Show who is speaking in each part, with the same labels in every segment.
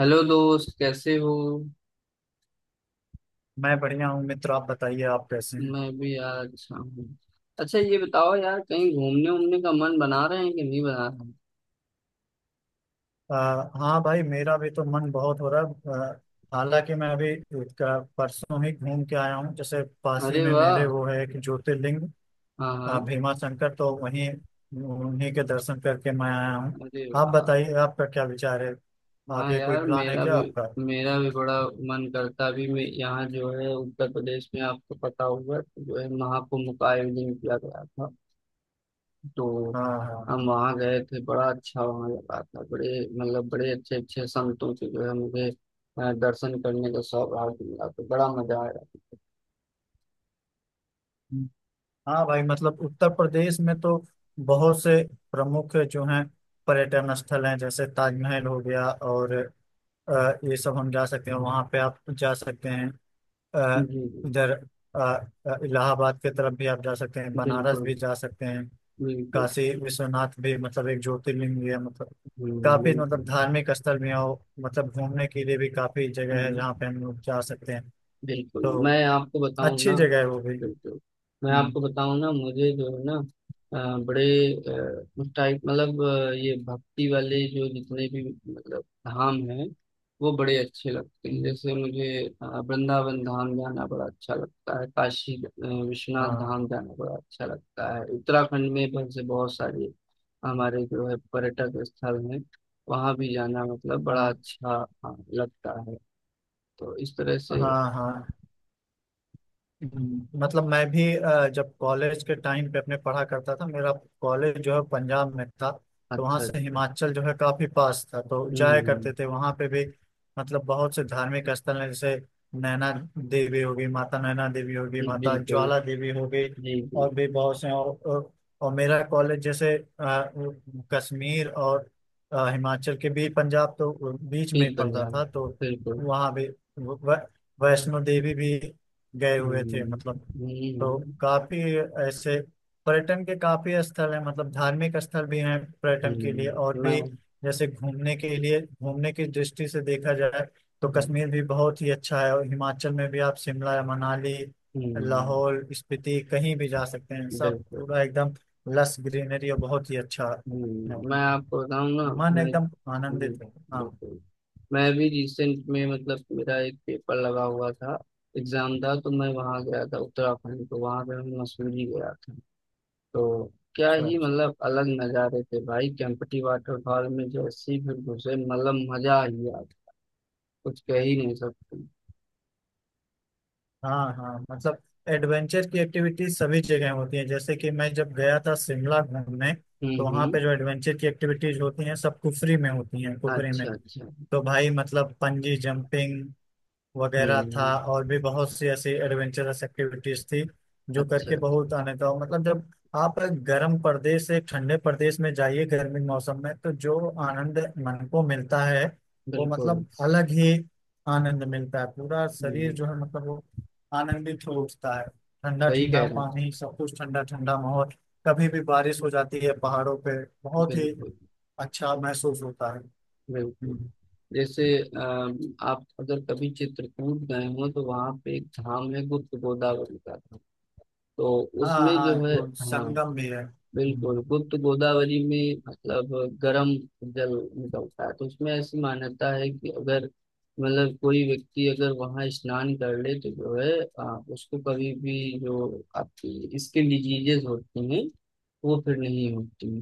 Speaker 1: Hello दोस्त, कैसे हो?
Speaker 2: मैं बढ़िया हूँ मित्र। आप बताइए, आप कैसे हैं?
Speaker 1: मैं भी यार अच्छा हूँ। अच्छा, ये बताओ यार, कहीं घूमने उमने का मन बना रहे हैं कि नहीं बना?
Speaker 2: अ, हाँ भाई, मेरा भी तो मन बहुत हो रहा है। हालांकि मैं अभी परसों ही घूम के आया हूँ। जैसे
Speaker 1: रहे।
Speaker 2: पास ही
Speaker 1: अरे
Speaker 2: में
Speaker 1: वाह।
Speaker 2: मेरे वो है कि ज्योतिर्लिंग
Speaker 1: हाँ हाँ।
Speaker 2: भीमा शंकर, तो वहीं उन्हीं के दर्शन करके मैं आया हूँ।
Speaker 1: अरे
Speaker 2: आप
Speaker 1: वाह।
Speaker 2: बताइए, आपका क्या विचार है?
Speaker 1: हाँ
Speaker 2: आगे कोई
Speaker 1: यार,
Speaker 2: प्लान है
Speaker 1: मेरा
Speaker 2: क्या
Speaker 1: भी
Speaker 2: आपका?
Speaker 1: मेरा भी बड़ा मन करता। अभी मैं यहाँ जो है उत्तर प्रदेश में, आपको पता होगा कि जो है महाकुंभ का आयोजन किया गया था, तो
Speaker 2: हाँ हाँ।
Speaker 1: हम वहाँ गए थे। बड़ा अच्छा वहाँ लगा था। बड़े अच्छे अच्छे संतों से जो है मुझे दर्शन करने का सौभाग्य मिला, तो बड़ा मजा आया।
Speaker 2: हम्म। हाँ भाई, मतलब उत्तर प्रदेश में तो बहुत से प्रमुख जो हैं पर्यटन स्थल हैं, जैसे ताजमहल हो गया और अ, ये सब हम जा सकते हैं, वहाँ पे आप जा सकते हैं।
Speaker 1: जी
Speaker 2: अ,
Speaker 1: जी।
Speaker 2: इधर अ, इलाहाबाद के तरफ भी आप जा सकते हैं, बनारस
Speaker 1: बिल्कुल
Speaker 2: भी जा सकते हैं।
Speaker 1: बिल्कुल।
Speaker 2: काशी विश्वनाथ भी मतलब एक ज्योतिर्लिंग भी है, मतलब काफी मतलब
Speaker 1: बिल्कुल।
Speaker 2: धार्मिक स्थल भी है, और मतलब घूमने के लिए भी काफी जगह है
Speaker 1: हम्म,
Speaker 2: जहाँ पे हम लोग जा सकते हैं।
Speaker 1: बिल्कुल,
Speaker 2: तो
Speaker 1: मैं आपको बताऊं ना।
Speaker 2: अच्छी जगह है वो भी।
Speaker 1: बिल्कुल, मैं
Speaker 2: हम्म।
Speaker 1: आपको बताऊं ना, मुझे जो है ना बड़े उस टाइप मतलब ये भक्ति वाले जो जितने भी मतलब धाम हैं वो बड़े अच्छे लगते हैं।
Speaker 2: हम्म।
Speaker 1: जैसे मुझे वृंदावन धाम जाना बड़ा अच्छा लगता है, काशी विश्वनाथ
Speaker 2: हाँ
Speaker 1: धाम जाना बड़ा अच्छा लगता है। उत्तराखंड में वैसे बहुत सारे हमारे जो है पर्यटक स्थल में वहाँ भी जाना मतलब बड़ा
Speaker 2: हाँ।
Speaker 1: अच्छा, हाँ, लगता है। तो इस तरह से।
Speaker 2: हाँ हाँ। मतलब मैं भी जब कॉलेज के टाइम पे अपने पढ़ा करता था, मेरा कॉलेज जो है पंजाब में था। तो वहाँ
Speaker 1: अच्छा अच्छा।
Speaker 2: से हिमाचल जो है काफी पास था, तो जाया करते
Speaker 1: हम्म।
Speaker 2: थे वहाँ पे भी। मतलब बहुत से धार्मिक स्थल हैं, जैसे नैना देवी होगी, माता नैना देवी होगी,
Speaker 1: जी,
Speaker 2: माता
Speaker 1: बिल्कुल।
Speaker 2: ज्वाला देवी होगी,
Speaker 1: जी जी।
Speaker 2: और भी बहुत से। और और मेरा कॉलेज, जैसे कश्मीर और हिमाचल के बीच पंजाब, तो बीच में
Speaker 1: पीर
Speaker 2: ही पड़ता
Speaker 1: पंजाब।
Speaker 2: था। तो
Speaker 1: बिल्कुल।
Speaker 2: वहाँ भी वै- वैष्णो देवी भी गए हुए
Speaker 1: हम्म
Speaker 2: थे मतलब। तो
Speaker 1: हम्म।
Speaker 2: काफी ऐसे पर्यटन के काफी स्थल हैं, मतलब धार्मिक स्थल भी हैं, पर्यटन के लिए
Speaker 1: हम्म।
Speaker 2: और
Speaker 1: मैं
Speaker 2: भी, जैसे घूमने के लिए, घूमने की दृष्टि से देखा जाए, तो
Speaker 1: हम्म
Speaker 2: कश्मीर भी बहुत ही अच्छा है, और हिमाचल में भी आप शिमला, मनाली,
Speaker 1: हम्म,
Speaker 2: लाहौल स्पीति कहीं भी जा सकते हैं। सब
Speaker 1: बिल्कुल।
Speaker 2: पूरा एकदम लस ग्रीनरी और बहुत ही अच्छा है।
Speaker 1: मैं आपको बताऊं ना।
Speaker 2: मन
Speaker 1: मैं।
Speaker 2: एकदम
Speaker 1: जी।
Speaker 2: आनंदित है। हाँ।
Speaker 1: बिल्कुल। मैं भी रिसेंट में मतलब मेरा एक पेपर लगा हुआ था। एग्जाम था, तो मैं वहाँ गया था उत्तराखंड, तो वहाँ पे मैं मसूरी गया था। तो क्या
Speaker 2: अच्छा
Speaker 1: ही
Speaker 2: अच्छा।
Speaker 1: मतलब अलग नज़ारे थे भाई, केम्प्टी वाटरफॉल में जैसे ही फिर घुसे, मतलब मजा ही आ गया। कुछ कह ही नहीं सकते।
Speaker 2: हाँ हाँ, मतलब एडवेंचर की एक्टिविटीज सभी जगह होती है, जैसे कि मैं जब गया था शिमला घूमने, तो वहाँ पे जो
Speaker 1: हम्म।
Speaker 2: एडवेंचर की एक्टिविटीज होती हैं सब कुफरी में होती हैं, कुफरी में।
Speaker 1: अच्छा अच्छा।
Speaker 2: तो भाई मतलब पंजी जंपिंग वगैरह
Speaker 1: हम्म।
Speaker 2: था, और भी बहुत सी ऐसी एडवेंचरस एक्टिविटीज थी, जो करके
Speaker 1: अच्छा।
Speaker 2: बहुत आनंद था। मतलब जब आप गर्म प्रदेश से ठंडे प्रदेश में जाइए गर्मी के मौसम में, तो जो आनंद मन को मिलता है, वो
Speaker 1: बिल्कुल।
Speaker 2: मतलब अलग ही आनंद मिलता है। पूरा शरीर
Speaker 1: हम्म।
Speaker 2: जो है मतलब वो आनंदित हो उठता है। ठंडा
Speaker 1: सही
Speaker 2: ठंडा
Speaker 1: कह रहे हैं।
Speaker 2: पानी, सब कुछ ठंडा ठंडा माहौल। कभी भी बारिश हो जाती है पहाड़ों पे, बहुत ही
Speaker 1: बिल्कुल
Speaker 2: अच्छा महसूस होता है।
Speaker 1: बिल्कुल।
Speaker 2: हम्म।
Speaker 1: जैसे आप अगर कभी चित्रकूट गए हो तो वहां पे एक धाम है गुप्त गोदावरी का, तो
Speaker 2: हाँ
Speaker 1: उसमें
Speaker 2: हाँ,
Speaker 1: जो है।
Speaker 2: वो
Speaker 1: हाँ,
Speaker 2: संगम भी है।
Speaker 1: बिल्कुल।
Speaker 2: हम्म।
Speaker 1: गुप्त गोदावरी में मतलब गर्म जल निकलता है, तो उसमें ऐसी मान्यता है कि अगर मतलब कोई व्यक्ति अगर वहां स्नान कर ले तो जो है उसको कभी भी जो आपकी स्किन डिजीजेस होती हैं वो फिर नहीं होती।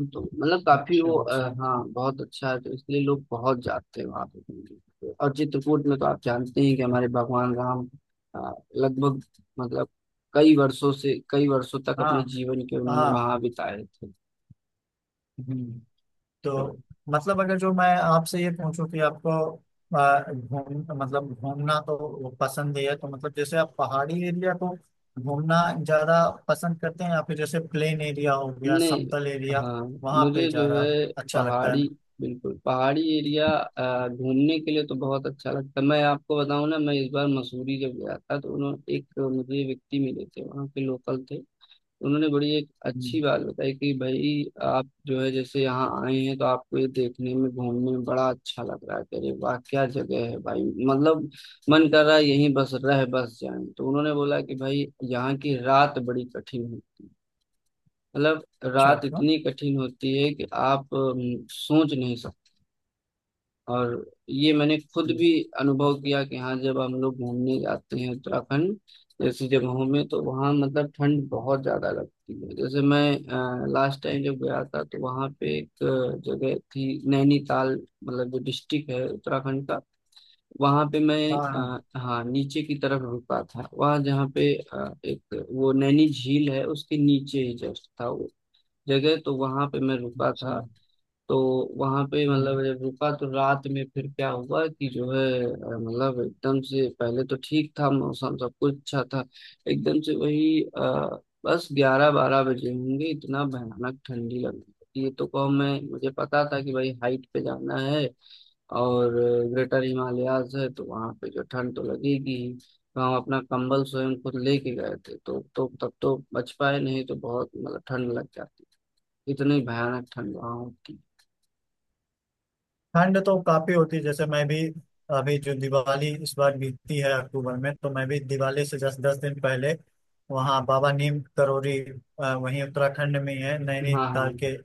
Speaker 1: तो मतलब काफी वो
Speaker 2: अच्छा अच्छा।
Speaker 1: हाँ बहुत अच्छा है, तो इसलिए लोग बहुत जाते हैं वहां पे। और चित्रकूट में तो आप जानते हैं कि हमारे भगवान राम लगभग मतलब कई वर्षों से कई वर्षों तक अपने
Speaker 2: हाँ
Speaker 1: जीवन के उन्होंने
Speaker 2: हाँ।
Speaker 1: वहां बिताए थे।
Speaker 2: हम्म, तो
Speaker 1: तो
Speaker 2: मतलब अगर जो मैं आपसे ये पूछूं कि आपको घूम मतलब घूमना तो वो पसंद है, तो मतलब जैसे आप पहाड़ी एरिया को घूमना ज्यादा पसंद करते हैं, या फिर जैसे प्लेन एरिया हो गया,
Speaker 1: नहीं।
Speaker 2: समतल एरिया,
Speaker 1: हाँ,
Speaker 2: वहां पे
Speaker 1: मुझे जो
Speaker 2: ज्यादा
Speaker 1: है
Speaker 2: अच्छा लगता है?
Speaker 1: पहाड़ी, बिल्कुल पहाड़ी एरिया घूमने के लिए तो बहुत अच्छा लगता है। मैं आपको बताऊं ना, मैं इस बार मसूरी जब गया था तो उन्होंने एक मुझे व्यक्ति मिले थे, वहाँ के लोकल थे। उन्होंने बड़ी एक अच्छी
Speaker 2: हम्म।
Speaker 1: बात बताई कि भाई, आप जो है जैसे यहाँ आए हैं तो आपको ये देखने में घूमने में बड़ा अच्छा लग रहा है कि अरे वाह क्या जगह है भाई, मतलब मन कर रहा है यहीं बस रह बस जाएं। तो उन्होंने बोला कि भाई यहाँ की रात बड़ी कठिन है, मतलब
Speaker 2: अच्छा।
Speaker 1: रात
Speaker 2: हाँ।
Speaker 1: इतनी कठिन होती है कि आप सोच नहीं। और ये मैंने खुद
Speaker 2: हम्म।
Speaker 1: भी अनुभव किया कि हाँ जब हम लोग घूमने जाते हैं उत्तराखंड जैसी जगहों में तो वहाँ मतलब ठंड बहुत ज्यादा लगती है। जैसे मैं लास्ट टाइम जब गया था तो वहाँ पे एक जगह थी नैनीताल, मतलब जो डिस्ट्रिक्ट है उत्तराखंड का, वहाँ पे मैं
Speaker 2: हाँ हाँ।
Speaker 1: हाँ नीचे की तरफ रुका था वहाँ, जहाँ पे एक वो नैनी झील है उसके नीचे ही जस्ट था वो जगह, तो वहाँ पे मैं रुका
Speaker 2: अच्छा।
Speaker 1: था। तो वहां पे
Speaker 2: हम्म,
Speaker 1: मतलब जब रुका तो रात में फिर क्या हुआ कि जो है मतलब एकदम से पहले तो ठीक था, मौसम सब कुछ अच्छा था। एकदम से वही बस ग्यारह बारह बजे होंगे, इतना भयानक ठंडी लग रही थी। ये तो को मैं मुझे पता था कि भाई हाइट पे जाना है और ग्रेटर हिमालयाज है तो वहां पे जो ठंड तो लगेगी ही। तो हम अपना कंबल स्वयं खुद लेके गए थे, तो तब तो बच पाए, नहीं तो बहुत मतलब ठंड लग जाती। इतनी भयानक ठंड वहां होती।
Speaker 2: ठंड तो काफी होती है। जैसे मैं भी अभी जो दिवाली इस बार बीतती है अक्टूबर में, तो मैं भी दिवाली से जस्ट 10 दिन पहले वहाँ बाबा नीम करोरी वहीं उत्तराखंड में ही है,
Speaker 1: हाँ हाँ।
Speaker 2: नैनीताल के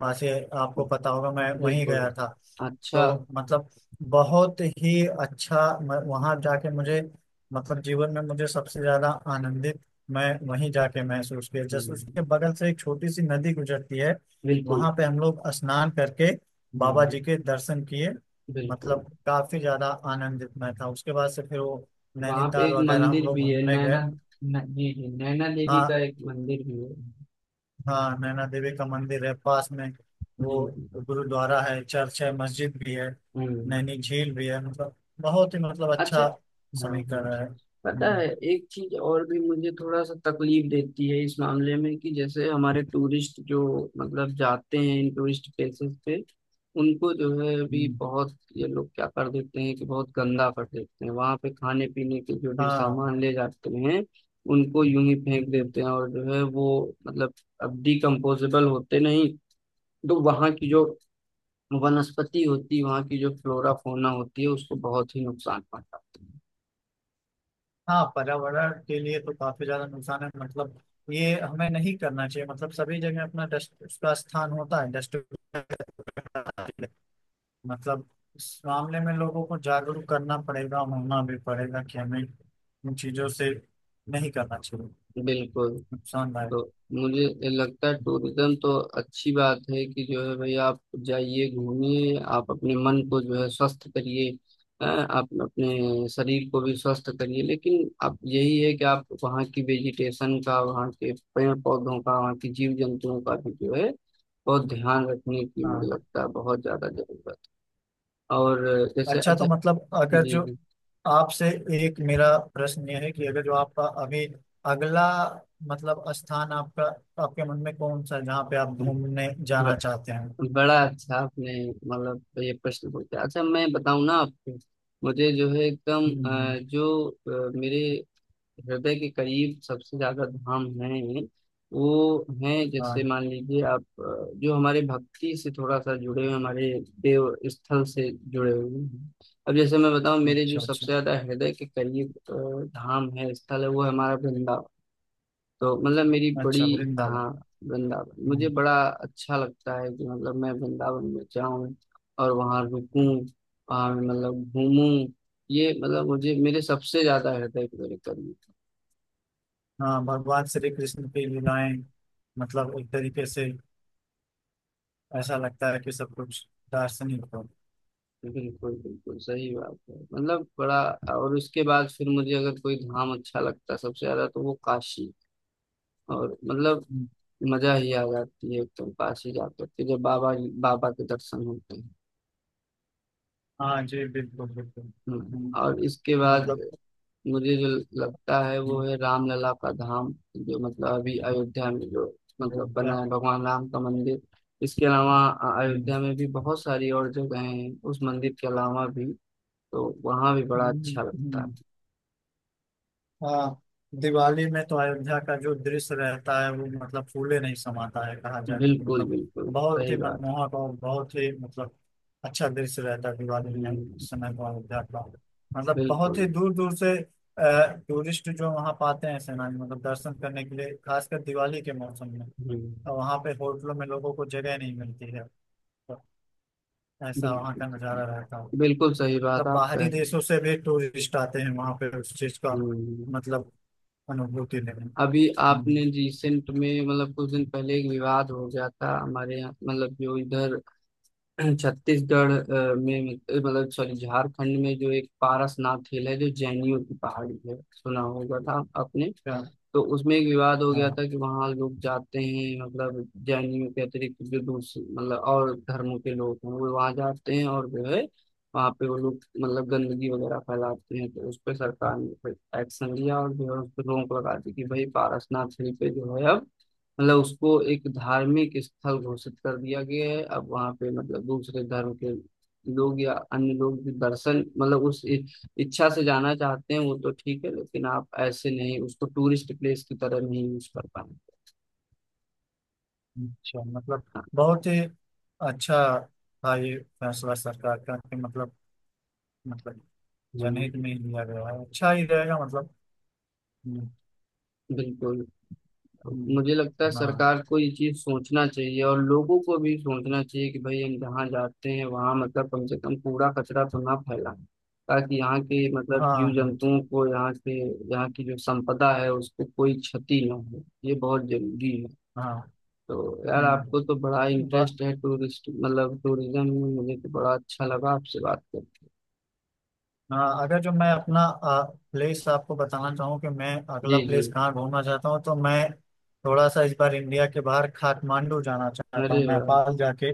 Speaker 2: पास ही है, आपको पता होगा, मैं वहीं
Speaker 1: बिल्कुल।
Speaker 2: गया था।
Speaker 1: अच्छा।
Speaker 2: तो मतलब बहुत ही अच्छा वहाँ जाके मुझे मतलब जीवन में मुझे सबसे ज्यादा आनंदित मैं वहीं जाके महसूस किया। जस्ट उसके
Speaker 1: हम्म,
Speaker 2: बगल से एक छोटी सी नदी गुजरती है,
Speaker 1: बिल्कुल।
Speaker 2: वहां पे हम लोग स्नान करके बाबा
Speaker 1: हम्म,
Speaker 2: जी के दर्शन किए।
Speaker 1: बिल्कुल।
Speaker 2: मतलब काफी ज्यादा आनंदित मैं था। उसके बाद से फिर वो
Speaker 1: वहां पे
Speaker 2: नैनीताल
Speaker 1: एक
Speaker 2: वगैरह हम
Speaker 1: मंदिर
Speaker 2: लोग
Speaker 1: भी है
Speaker 2: घूमने गए।
Speaker 1: नैना, जी जी, नैना देवी का
Speaker 2: हाँ
Speaker 1: एक मंदिर भी है।
Speaker 2: हाँ, नैना देवी का मंदिर है पास में। वो
Speaker 1: जी जी।
Speaker 2: गुरुद्वारा है, चर्च है, मस्जिद भी है,
Speaker 1: हम्म।
Speaker 2: नैनी झील भी है। मतलब बहुत ही मतलब
Speaker 1: अच्छा।
Speaker 2: अच्छा
Speaker 1: हाँ हाँ,
Speaker 2: समीकरण है।
Speaker 1: पता है। एक चीज और भी मुझे थोड़ा सा तकलीफ देती है इस मामले में कि जैसे हमारे टूरिस्ट जो मतलब जाते हैं इन टूरिस्ट प्लेसेस पे, उनको जो है अभी
Speaker 2: हम्म।
Speaker 1: बहुत ये लोग क्या कर देते हैं कि बहुत गंदा कर देते हैं वहां पे, खाने पीने के जो भी
Speaker 2: हाँ।
Speaker 1: सामान ले जाते हैं उनको यूं ही फेंक
Speaker 2: हम्म,
Speaker 1: देते हैं और जो है वो मतलब अब डिकम्पोजेबल होते नहीं। तो वहां की जो वनस्पति होती है, वहां की जो फ्लोरा फौना होती है, उसको बहुत ही नुकसान पहुंचाते हैं।
Speaker 2: हाँ, पर्यावरण के लिए तो काफी ज्यादा नुकसान है, मतलब ये हमें नहीं करना चाहिए। मतलब सभी जगह अपना डस्ट, उसका स्थान होता है डस्ट, मतलब इस मामले में लोगों को जागरूक करना पड़ेगा, होना भी पड़ेगा, कि हमें इन चीजों से नहीं करना चाहिए,
Speaker 1: बिल्कुल।
Speaker 2: नुकसानदायक।
Speaker 1: तो मुझे लगता है टूरिज्म तो अच्छी बात है कि जो है, भाई आप जाइए घूमिए, आप अपने मन को जो है स्वस्थ करिए, हाँ, आप अपने शरीर को भी स्वस्थ करिए। लेकिन आप यही है कि आप वहाँ की वेजिटेशन का, वहाँ के पेड़ पौधों का, वहाँ की जीव जंतुओं का भी जो है बहुत ध्यान रखने की मुझे
Speaker 2: हाँ।
Speaker 1: लगता है बहुत ज्यादा जरूरत। और जैसे,
Speaker 2: अच्छा, तो
Speaker 1: अच्छा।
Speaker 2: मतलब अगर जो
Speaker 1: जी
Speaker 2: आपसे एक मेरा प्रश्न यह है, कि अगर जो आपका अभी अगला मतलब स्थान आपका, आपके मन में कौन सा है जहाँ पे आप घूमने जाना
Speaker 1: जी।
Speaker 2: चाहते हैं?
Speaker 1: बड़ा अच्छा आपने मतलब ये प्रश्न पूछा। अच्छा, मैं बताऊं ना आपको, मुझे जो है एकदम
Speaker 2: हम्म हम्म,
Speaker 1: जो मेरे हृदय के करीब सबसे ज्यादा धाम है वो हैं जैसे
Speaker 2: हाँ।
Speaker 1: मान लीजिए आप जो हमारे भक्ति से थोड़ा सा जुड़े हुए हमारे देव स्थल से जुड़े हुए हैं। अब जैसे मैं बताऊं मेरे जो
Speaker 2: अच्छा अच्छा।
Speaker 1: सबसे ज्यादा हृदय के करीब धाम है, स्थल है, वो है हमारा वृंदावन। तो मतलब मेरी बड़ी।
Speaker 2: अच्छा,
Speaker 1: हाँ,
Speaker 2: वृंदावन।
Speaker 1: वृंदावन मुझे
Speaker 2: हम्म,
Speaker 1: बड़ा अच्छा लगता है कि मतलब मैं वृंदावन में जाऊं और वहां रुकूं, वहां मतलब घूमूं। ये मतलब मुझे मेरे सबसे ज्यादा हृदय को मेरे करीब।
Speaker 2: हाँ, भगवान श्री कृष्ण की लीलाएं, मतलब एक तरीके से ऐसा लगता है कि सब कुछ दार्शनिक हो।
Speaker 1: बिल्कुल बिल्कुल सही बात है, मतलब बड़ा। और उसके बाद फिर मुझे अगर कोई धाम अच्छा लगता है सबसे ज्यादा तो वो काशी। और मतलब
Speaker 2: हम्म,
Speaker 1: मजा ही आ जाती है एकदम काशी जा करके जब बाबा, बाबा के दर्शन होते हैं।
Speaker 2: हाँ जी, बिल्कुल बिल्कुल। हम्म,
Speaker 1: और इसके बाद
Speaker 2: मतलब
Speaker 1: मुझे जो लगता है वो
Speaker 2: हम्म।
Speaker 1: है रामलला का धाम, जो मतलब अभी अयोध्या में जो मतलब
Speaker 2: अयोध्या।
Speaker 1: बना है भगवान राम का मंदिर। इसके अलावा
Speaker 2: हम्म,
Speaker 1: अयोध्या में भी बहुत सारी और जगह हैं उस मंदिर के अलावा भी। तो वहाँ भी बड़ा अच्छा
Speaker 2: हम्म,
Speaker 1: लगता है।
Speaker 2: हम्म, हाँ, दिवाली में तो अयोध्या का जो दृश्य रहता है, वो मतलब फूले नहीं समाता है कहा जाए तो,
Speaker 1: बिल्कुल
Speaker 2: मतलब
Speaker 1: बिल्कुल
Speaker 2: बहुत
Speaker 1: सही
Speaker 2: ही
Speaker 1: बात।
Speaker 2: मनमोहक और बहुत ही मतलब अच्छा दृश्य रहता है दिवाली में उस
Speaker 1: हम्म।
Speaker 2: समय को अयोध्या का। मतलब बहुत
Speaker 1: बिल्कुल।
Speaker 2: ही दूर दूर से टूरिस्ट जो वहाँ पाते हैं सेनानी, मतलब दर्शन करने के लिए, खासकर दिवाली के मौसम में।
Speaker 1: हम्म।
Speaker 2: तो वहाँ पे होटलों में लोगों को जगह नहीं मिलती है, तो ऐसा वहाँ का
Speaker 1: बिल्कुल
Speaker 2: नज़ारा रहता है।
Speaker 1: बिल्कुल सही बात
Speaker 2: मतलब
Speaker 1: आप कह रहे
Speaker 2: बाहरी
Speaker 1: हैं।
Speaker 2: देशों से भी टूरिस्ट आते हैं वहाँ पे उस चीज़ का
Speaker 1: हम्म।
Speaker 2: मतलब अनुभूति लेने।
Speaker 1: अभी आपने
Speaker 2: हम्म।
Speaker 1: रिसेंट में मतलब कुछ दिन पहले एक विवाद हो गया था हमारे यहाँ, मतलब जो इधर छत्तीसगढ़ में मतलब सॉरी झारखंड में, जो एक पारसनाथ हिल है, जो जैनियों की पहाड़ी है, सुना होगा था आपने।
Speaker 2: क्या-
Speaker 1: तो उसमें एक विवाद हो गया
Speaker 2: हाँ,
Speaker 1: था कि वहाँ लोग जाते हैं मतलब जैनियों के अतिरिक्त जो दूसरे मतलब और धर्मों के लोग हैं वो वहाँ जाते हैं और जो है वहाँ पे वो लोग मतलब गंदगी वगैरह फैलाते हैं। तो उस पर सरकार ने फिर एक्शन लिया और जो है उस पर रोक लगा दी कि भाई पारसनाथ हिल पे जो है अब मतलब उसको एक धार्मिक स्थल घोषित कर दिया गया है। अब वहां पे मतलब दूसरे धर्म के लोग या अन्य लोग भी दर्शन मतलब उस इच्छा से जाना चाहते हैं वो तो ठीक है, लेकिन आप ऐसे नहीं उसको टूरिस्ट प्लेस की तरह नहीं यूज कर पाए।
Speaker 2: अच्छा, मतलब
Speaker 1: हाँ।
Speaker 2: बहुत ही अच्छा था ये फैसला सरकार का, कि मतलब मतलब जनहित
Speaker 1: हम्म,
Speaker 2: में ही लिया गया है, अच्छा ही रहेगा मतलब। हम्म,
Speaker 1: बिल्कुल।
Speaker 2: हम्म,
Speaker 1: मुझे लगता है
Speaker 2: हाँ
Speaker 1: सरकार को ये चीज सोचना चाहिए और लोगों को भी सोचना चाहिए कि भाई हम जहाँ जाते हैं वहाँ मतलब कम से कम कूड़ा कचरा तो ना फैलाएं, ताकि यहाँ के मतलब जीव
Speaker 2: हाँ।
Speaker 1: जंतुओं को, यहाँ के यहाँ की जो संपदा है उसको कोई क्षति ना हो, ये बहुत जरूरी है।
Speaker 2: हाँ।
Speaker 1: तो यार,
Speaker 2: हम्म,
Speaker 1: आपको तो बड़ा
Speaker 2: बा-
Speaker 1: इंटरेस्ट है टूरिस्ट मतलब टूरिज्म में, मुझे तो बड़ा अच्छा लगा आपसे बात करके।
Speaker 2: हाँ, अगर जो मैं अपना प्लेस आपको बताना चाहूँ कि मैं अगला
Speaker 1: जी जी।
Speaker 2: प्लेस कहाँ घूमना चाहता हूँ, तो मैं थोड़ा सा इस बार इंडिया के बाहर काठमांडू जाना चाहता
Speaker 1: अरे
Speaker 2: हूँ,
Speaker 1: वाह।
Speaker 2: नेपाल जाके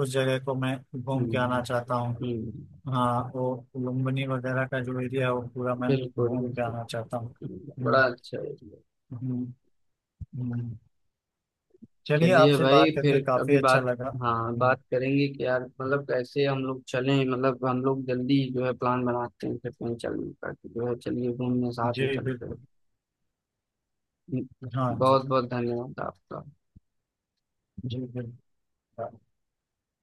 Speaker 2: उस जगह को मैं घूम के आना
Speaker 1: हम्म
Speaker 2: चाहता हूँ।
Speaker 1: हम्म।
Speaker 2: हाँ, वो लुम्बिनी वगैरह का जो एरिया है वो पूरा मैं
Speaker 1: बिल्कुल
Speaker 2: घूम के
Speaker 1: बिल्कुल।
Speaker 2: आना चाहता हूँ।
Speaker 1: बड़ा
Speaker 2: हम्म,
Speaker 1: अच्छा है।
Speaker 2: हम्म, हम्म। चलिए,
Speaker 1: चलिए
Speaker 2: आपसे
Speaker 1: भाई,
Speaker 2: बात
Speaker 1: फिर
Speaker 2: करके काफी
Speaker 1: कभी
Speaker 2: अच्छा
Speaker 1: बात,
Speaker 2: लगा।
Speaker 1: हाँ
Speaker 2: हम्म,
Speaker 1: बात करेंगे कि यार मतलब कैसे हम लोग चलें, मतलब हम लोग जल्दी जो है प्लान बनाते हैं फिर कहीं चलने का कि जो है चलिए घूमने साथ में
Speaker 2: जी
Speaker 1: चलते
Speaker 2: बिल्कुल।
Speaker 1: हैं।
Speaker 2: हाँ जी।
Speaker 1: बहुत बहुत धन्यवाद आपका।
Speaker 2: जी बिल्कुल।